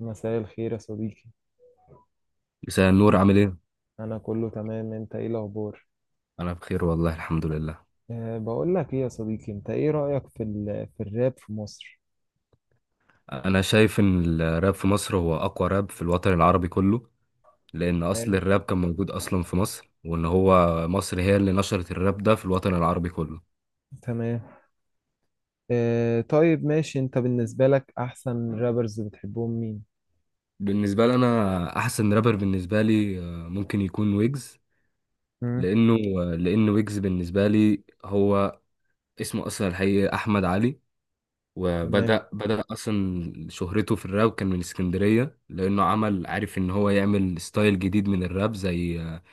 مساء الخير يا صديقي. مساء النور، عامل ايه؟ انا كله تمام، انت ايه الاخبار؟ انا بخير والله الحمد لله. بقول لك ايه يا صديقي، انت ايه رايك في الراب في مصر؟ انا شايف ان الراب في مصر هو اقوى راب في الوطن العربي كله، لان اصل تمام. الراب كان موجود اصلا في مصر، وان هو مصر هي اللي نشرت الراب ده في الوطن العربي كله. تمام. طيب، ماشي. انت بالنسبه لك احسن رابرز بتحبهم مين؟ بالنسبه لي انا احسن رابر بالنسبه لي، ممكن يكون ويجز. مم. لانه لان ويجز بالنسبه لي هو اسمه اصلا الحقيقي احمد علي. تمام. وبدأ أصلا شهرته في الراب كان من اسكندرية، لأنه عمل عارف إن هو يعمل ستايل جديد من الراب، زي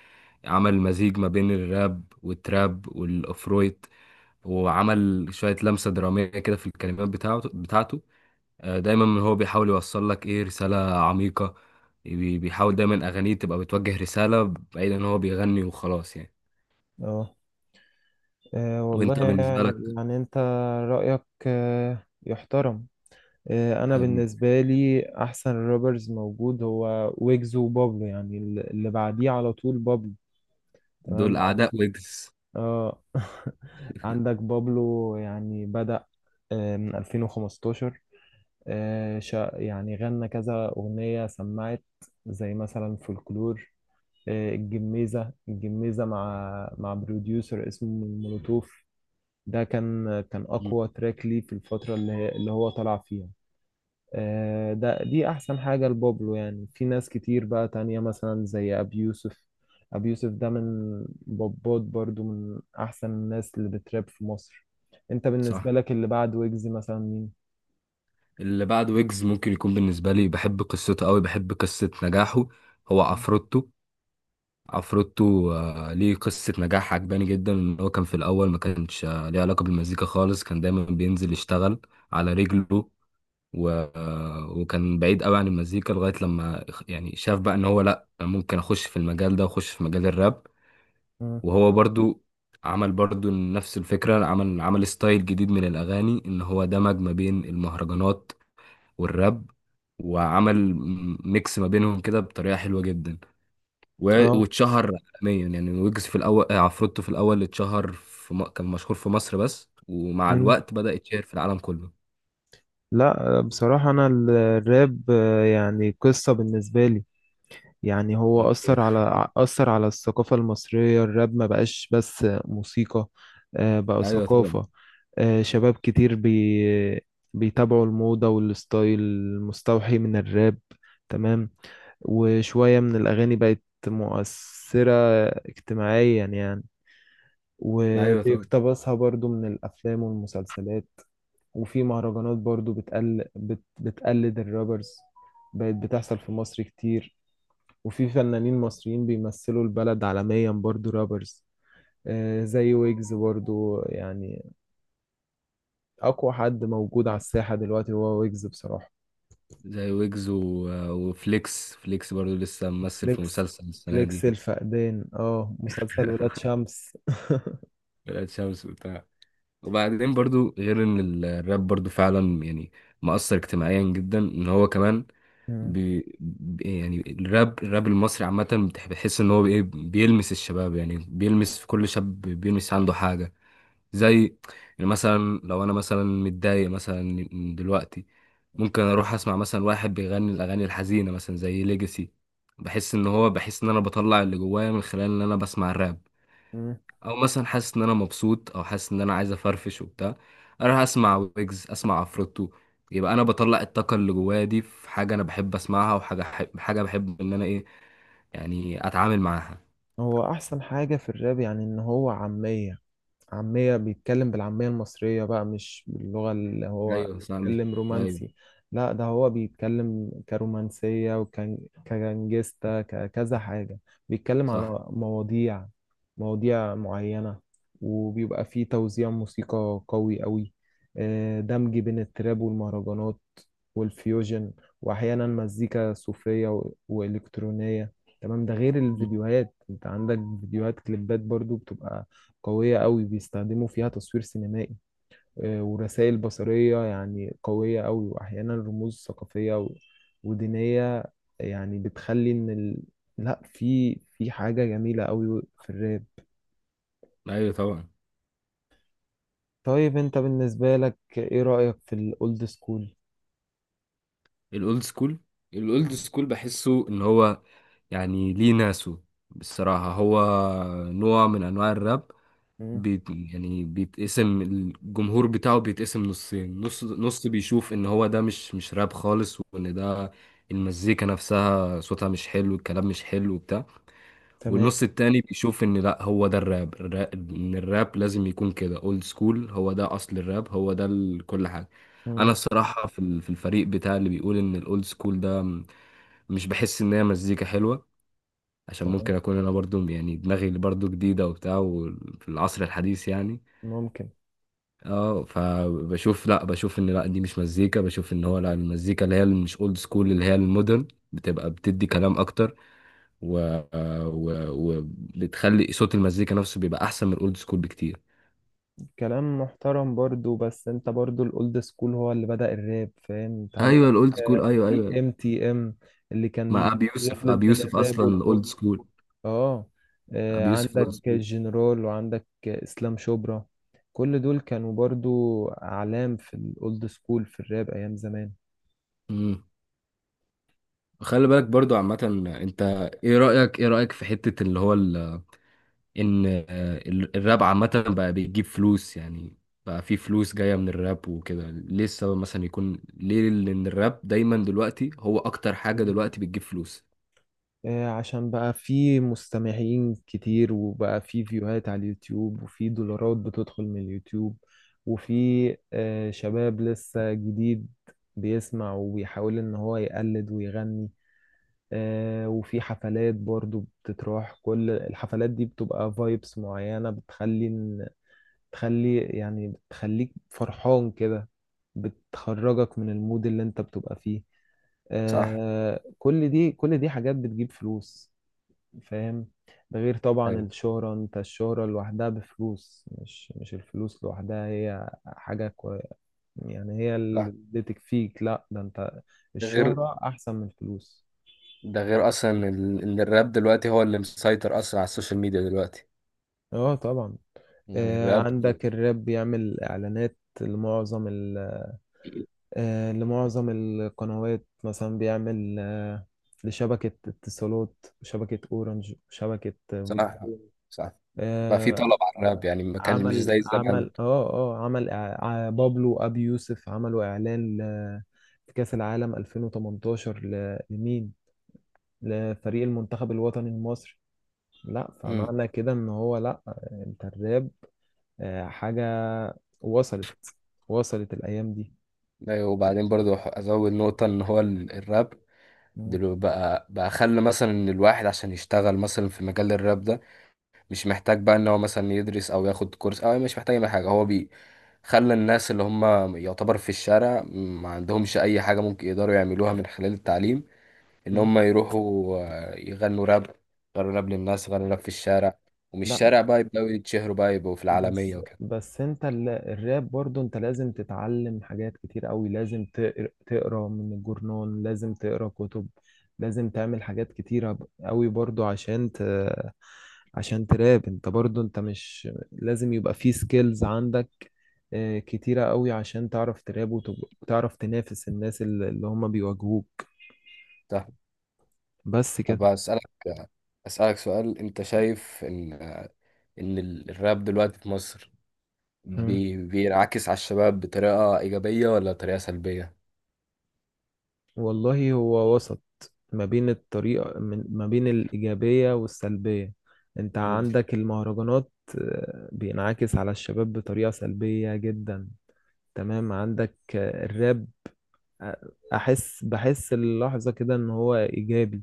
عمل مزيج ما بين الراب والتراب والافرويت، وعمل شوية لمسة درامية كده في الكلمات بتاعته بتاعته. دايما هو بيحاول يوصل لك ايه، رسالة عميقة. بيحاول دايما اغانيه تبقى بتوجه رسالة، بعيد ان هو بيغني وخلاص يعني. اه. والله. وانت بالنسبة لك؟ يعني انت، رايك، يحترم. انا حبيبي، بالنسبه لي احسن رابرز موجود هو ويجز وبابلو، يعني اللي بعديه على طول بابلو. تمام. دول اعداء ويجز. اه. عندك بابلو يعني بدأ من 2015. يعني غنى كذا أغنية سمعت، زي مثلا فولكلور. الجميزة الجميزة مع بروديوسر اسمه مولوتوف. ده كان مم، أقوى تراك ليه في الفترة اللي هو طلع فيها. آه، ده دي احسن حاجة لبابلو، يعني في ناس كتير بقى تانية مثلا زي ابي يوسف. ابي يوسف ده من بابات، برضو من احسن الناس اللي بتراب في مصر. انت صح. بالنسبة لك اللي بعد ويجز مثلا مين؟ اللي بعد ويجز ممكن يكون بالنسبة لي، بحب قصته قوي، بحب قصة نجاحه. هو عفروتو. عفروتو، ليه قصة نجاح عجباني جدا، ان هو كان في الاول ما كانش ليه علاقة بالمزيكا خالص، كان دايما بينزل يشتغل على رجله. و... وكان بعيد قوي عن المزيكا لغاية لما يعني شاف بقى ان هو، لا، ممكن اخش في المجال ده واخش في مجال الراب. مم. وهو برضو عمل برضو نفس الفكرة، عمل ستايل جديد من الاغاني، ان هو دمج ما بين المهرجانات والراب، وعمل ميكس ما بينهم كده بطريقة حلوة جدا، اه. واتشهر عالميا يعني. ويجز في الاول، عفروتو في الاول اتشهر في كان مشهور في مصر بس، ومع مم. الوقت بدأ يتشهر في العالم كله. لا بصراحة، أنا الراب يعني قصة بالنسبة لي. يعني هو أثر يعني. على أثر على الثقافة المصرية، الراب ما بقاش بس موسيقى. بقى ايوه طبعا. ثقافة. شباب كتير بيتابعوا الموضة والستايل المستوحي من الراب. تمام. وشوية من الأغاني بقت مؤثرة اجتماعيا يعني، ايوه طبعا. وبيقتبسها برضو من الأفلام والمسلسلات. وفي مهرجانات برضو بتقلد الرابرز، بقت بتحصل في مصر كتير. وفي فنانين مصريين بيمثلوا البلد عالميا، برضو رابرز زي ويجز، برضو يعني أقوى حد موجود على الساحة دلوقتي هو ويجز بصراحة. زي ويجز وفليكس، فليكس برضو لسه ممثل في فليكس، مسلسل السنه فليكس دي. الفقدان. اه. مسلسل ولاد شمس. ولاد شمس وبتاع. وبعدين برضو، غير ان الراب برضو فعلا يعني مؤثر اجتماعيا جدا، ان هو كمان مم. يعني الراب المصري عامة بتحس ان هو ايه، بيلمس الشباب يعني، بيلمس في كل شاب، بيلمس عنده حاجة، زي يعني مثلا لو انا مثلا متضايق مثلا دلوقتي، ممكن اروح اسمع مثلا واحد بيغني الاغاني الحزينة، مثلا زي ليجاسي، بحس ان هو، بحس ان انا بطلع اللي جوايا من خلال ان انا بسمع الراب. مم. او مثلا حاسس ان انا مبسوط، او حاسس ان انا عايز افرفش وبتاع، اروح اسمع ويجز، اسمع عفروتو. يبقى انا بطلع الطاقه اللي جوايا دي في حاجه انا بحب اسمعها، وحاجه حب حاجه بحب ان انا ايه، يعني اتعامل معاها. هو أحسن حاجة في الراب يعني إن هو عامية. عامية، بيتكلم بالعامية المصرية بقى، مش باللغة اللي هو ايوه صح، مش بيتكلم ايوه رومانسي. لا، ده هو بيتكلم كرومانسية، وكان كجانجستا، ككذا حاجة. بيتكلم على صح. مواضيع، مواضيع معينة. وبيبقى فيه توزيع موسيقى قوي قوي، دمج بين التراب والمهرجانات والفيوجن. وأحيانا مزيكا صوفية و- وإلكترونية. تمام. ده غير مم. الفيديوهات، انت عندك فيديوهات كليبات برضو بتبقى قوية قوي، بيستخدموا فيها تصوير سينمائي. ورسائل بصرية يعني قوية قوي، وأحيانا رموز ثقافية و- ودينية، يعني لا، في حاجة جميلة قوي في الراب. ايوه طبعا. طيب أنت بالنسبة لك إيه رأيك في الأولد سكول؟ الاولد سكول، الاولد سكول بحسه ان هو، يعني ليه ناسه. بصراحه هو نوع من انواع الراب، مم. يعني بيتقسم الجمهور بتاعه، بيتقسم نصين، نص نص بيشوف ان هو ده مش راب خالص، وان ده المزيكا نفسها صوتها مش حلو، الكلام مش حلو وبتاع. تمام. والنص التاني بيشوف ان لا، هو ده الراب، ان الراب لازم يكون كده، اولد سكول، هو ده اصل الراب، هو ده كل حاجة. مم. انا الصراحة في في الفريق بتاع اللي بيقول ان الاولد سكول ده، مش بحس ان هي مزيكا حلوة، عشان ممكن تمام. اكون انا برضو يعني دماغي برضو جديدة وبتاع، وفي العصر الحديث يعني. ممكن. اه، فبشوف، لا، بشوف ان لا، دي مش مزيكا. بشوف ان هو لا، المزيكا اللي هي اللي مش اولد سكول، اللي هي المودرن، بتبقى بتدي كلام اكتر، و... وبتخلي صوت المزيكا نفسه بيبقى احسن من الاولد سكول بكتير. كلام محترم برضو، بس انت برضو الاولد سكول هو اللي بدأ الراب، فاهم؟ انت عندك ايوه، الاولد سكول، ايوه فريق ايوه. ام تي ام اللي كان مع ابي يوسف، بيخلط ابي بين يوسف الراب اصلا اولد والبوب. سكول. اه. ابي يوسف اولد عندك سكول. جنرال وعندك اسلام شبرا، كل دول كانوا برضو اعلام في الاولد سكول في الراب ايام زمان. امم خلي بالك برضو عامة. انت، ايه رأيك في حتة اللي هو، ان الراب عامة بقى بيجيب فلوس يعني. بقى في فلوس جاية من الراب وكده، ليه السبب مثلا يكون ليه، لأن الراب دايما دلوقتي هو أكتر حاجة دلوقتي بتجيب فلوس. عشان بقى في مستمعين كتير، وبقى في فيوهات على اليوتيوب، وفي دولارات بتدخل من اليوتيوب. وفي شباب لسه جديد بيسمع وبيحاول ان هو يقلد ويغني. وفي حفلات برضو بتتراح، كل الحفلات دي بتبقى فايبس معينة بتخلي يعني بتخليك فرحان كده، بتخرجك من المود اللي انت بتبقى فيه. صح. كل دي حاجات بتجيب فلوس، فاهم؟ ده غير طبعا ايوه الشهرة، انت الشهرة لوحدها بفلوس، مش الفلوس لوحدها هي حاجة يعني هي صح. اللي تكفيك. لا ده انت، غير الشهرة احسن من الفلوس. ده غير اصلا ان الراب دلوقتي هو اللي مسيطر اصلا على السوشيال ميديا دلوقتي، اه طبعا. يعني الراب. عندك الراب بيعمل اعلانات لمعظم القنوات، مثلا بيعمل لشبكة اتصالات وشبكة اورنج وشبكة صح، فودافون. صح. بقى في طلب آه، على الراب يعني، ما كان مش عمل زي زمان. عمل اه اه عمل إع- ع- بابلو ابي يوسف عملوا اعلان في كاس العالم 2018 لمين؟ لفريق المنتخب الوطني المصري. لا، امم فمعنى كده ان هو لا، انت الراب حاجة وصلت، الايام دي. ايوه. وبعدين برضو ازود نقطة، ان هو الراب مم. دلوقتي بقى خلى مثلا ان الواحد عشان يشتغل مثلا في مجال الراب ده، مش محتاج بقى ان هو مثلا يدرس او ياخد كورس، او مش محتاج اي حاجه، هو خلى الناس اللي هم يعتبر في الشارع، ما عندهمش اي حاجه ممكن يقدروا يعملوها من خلال التعليم، ان مم. هم يروحوا يغنوا راب، يغنوا راب للناس، يغنوا راب في الشارع، ومن لا، الشارع بقى يبداوا يتشهروا، بقى يبقوا في العالميه بس وكده. بس انت الراب، برضو انت لازم تتعلم حاجات كتير قوي، لازم تقرا من الجورنان، لازم تقرا كتب، لازم تعمل حاجات كتيرة قوي برضو عشان عشان تراب. انت برضو، انت مش لازم يبقى في سكيلز عندك اه، كتيرة قوي عشان تعرف تراب، وتعرف تنافس الناس اللي هم بيواجهوك. صح. بس كده. طب اسالك سؤال. انت شايف ان ان الراب دلوقتي في مصر مم. بينعكس على الشباب بطريقة إيجابية ولا طريقة سلبية؟ والله هو وسط ما بين الطريقة ما بين الإيجابية والسلبية. أنت مم. عندك المهرجانات بينعكس على الشباب بطريقة سلبية جدا. تمام، عندك الراب، آه، أحس بحس اللحظة كده إن هو إيجابي.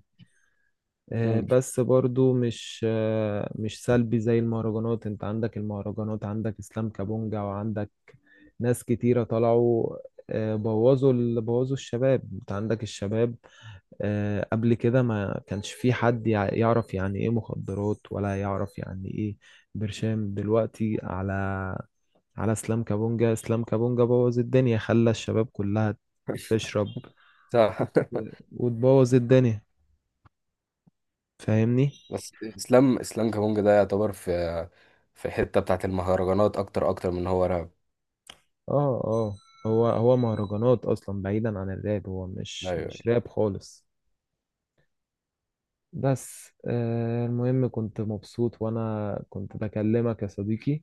مم. بس برضو مش مش سلبي زي المهرجانات. أنت عندك المهرجانات، عندك إسلام كابونجا، وعندك ناس كتيرة طلعوا بوظوا الشباب. أنت عندك الشباب، قبل كده ما كانش في حد يعرف يعني ايه مخدرات، ولا يعرف يعني ايه برشام. دلوقتي على اسلام كابونجا. اسلام كابونجا بوظ الدنيا، خلى الشباب كلها تشرب صح. وتبوظ الدنيا، فاهمني؟ بس اسلام كابونجا ده يعتبر في في حته بتاعت المهرجانات اكتر اكتر من هو راب. اه. اه. هو مهرجانات اصلا، بعيدا عن الراب، هو مش ايوه. مش راب خالص. بس المهم كنت مبسوط وانا كنت بكلمك يا صديقي.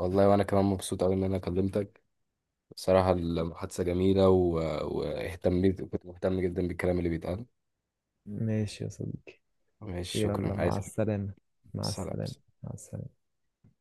والله وانا كمان مبسوط قوي ان انا كلمتك. بصراحه المحادثه جميله واهتميت، كنت مهتم جدا بالكلام اللي بيتقال. ماشي يا صديقي. ماشي، يلا، شكرا، عايز مع حاجة؟ السلامة. مع سلام. السلامة. مع السلامة.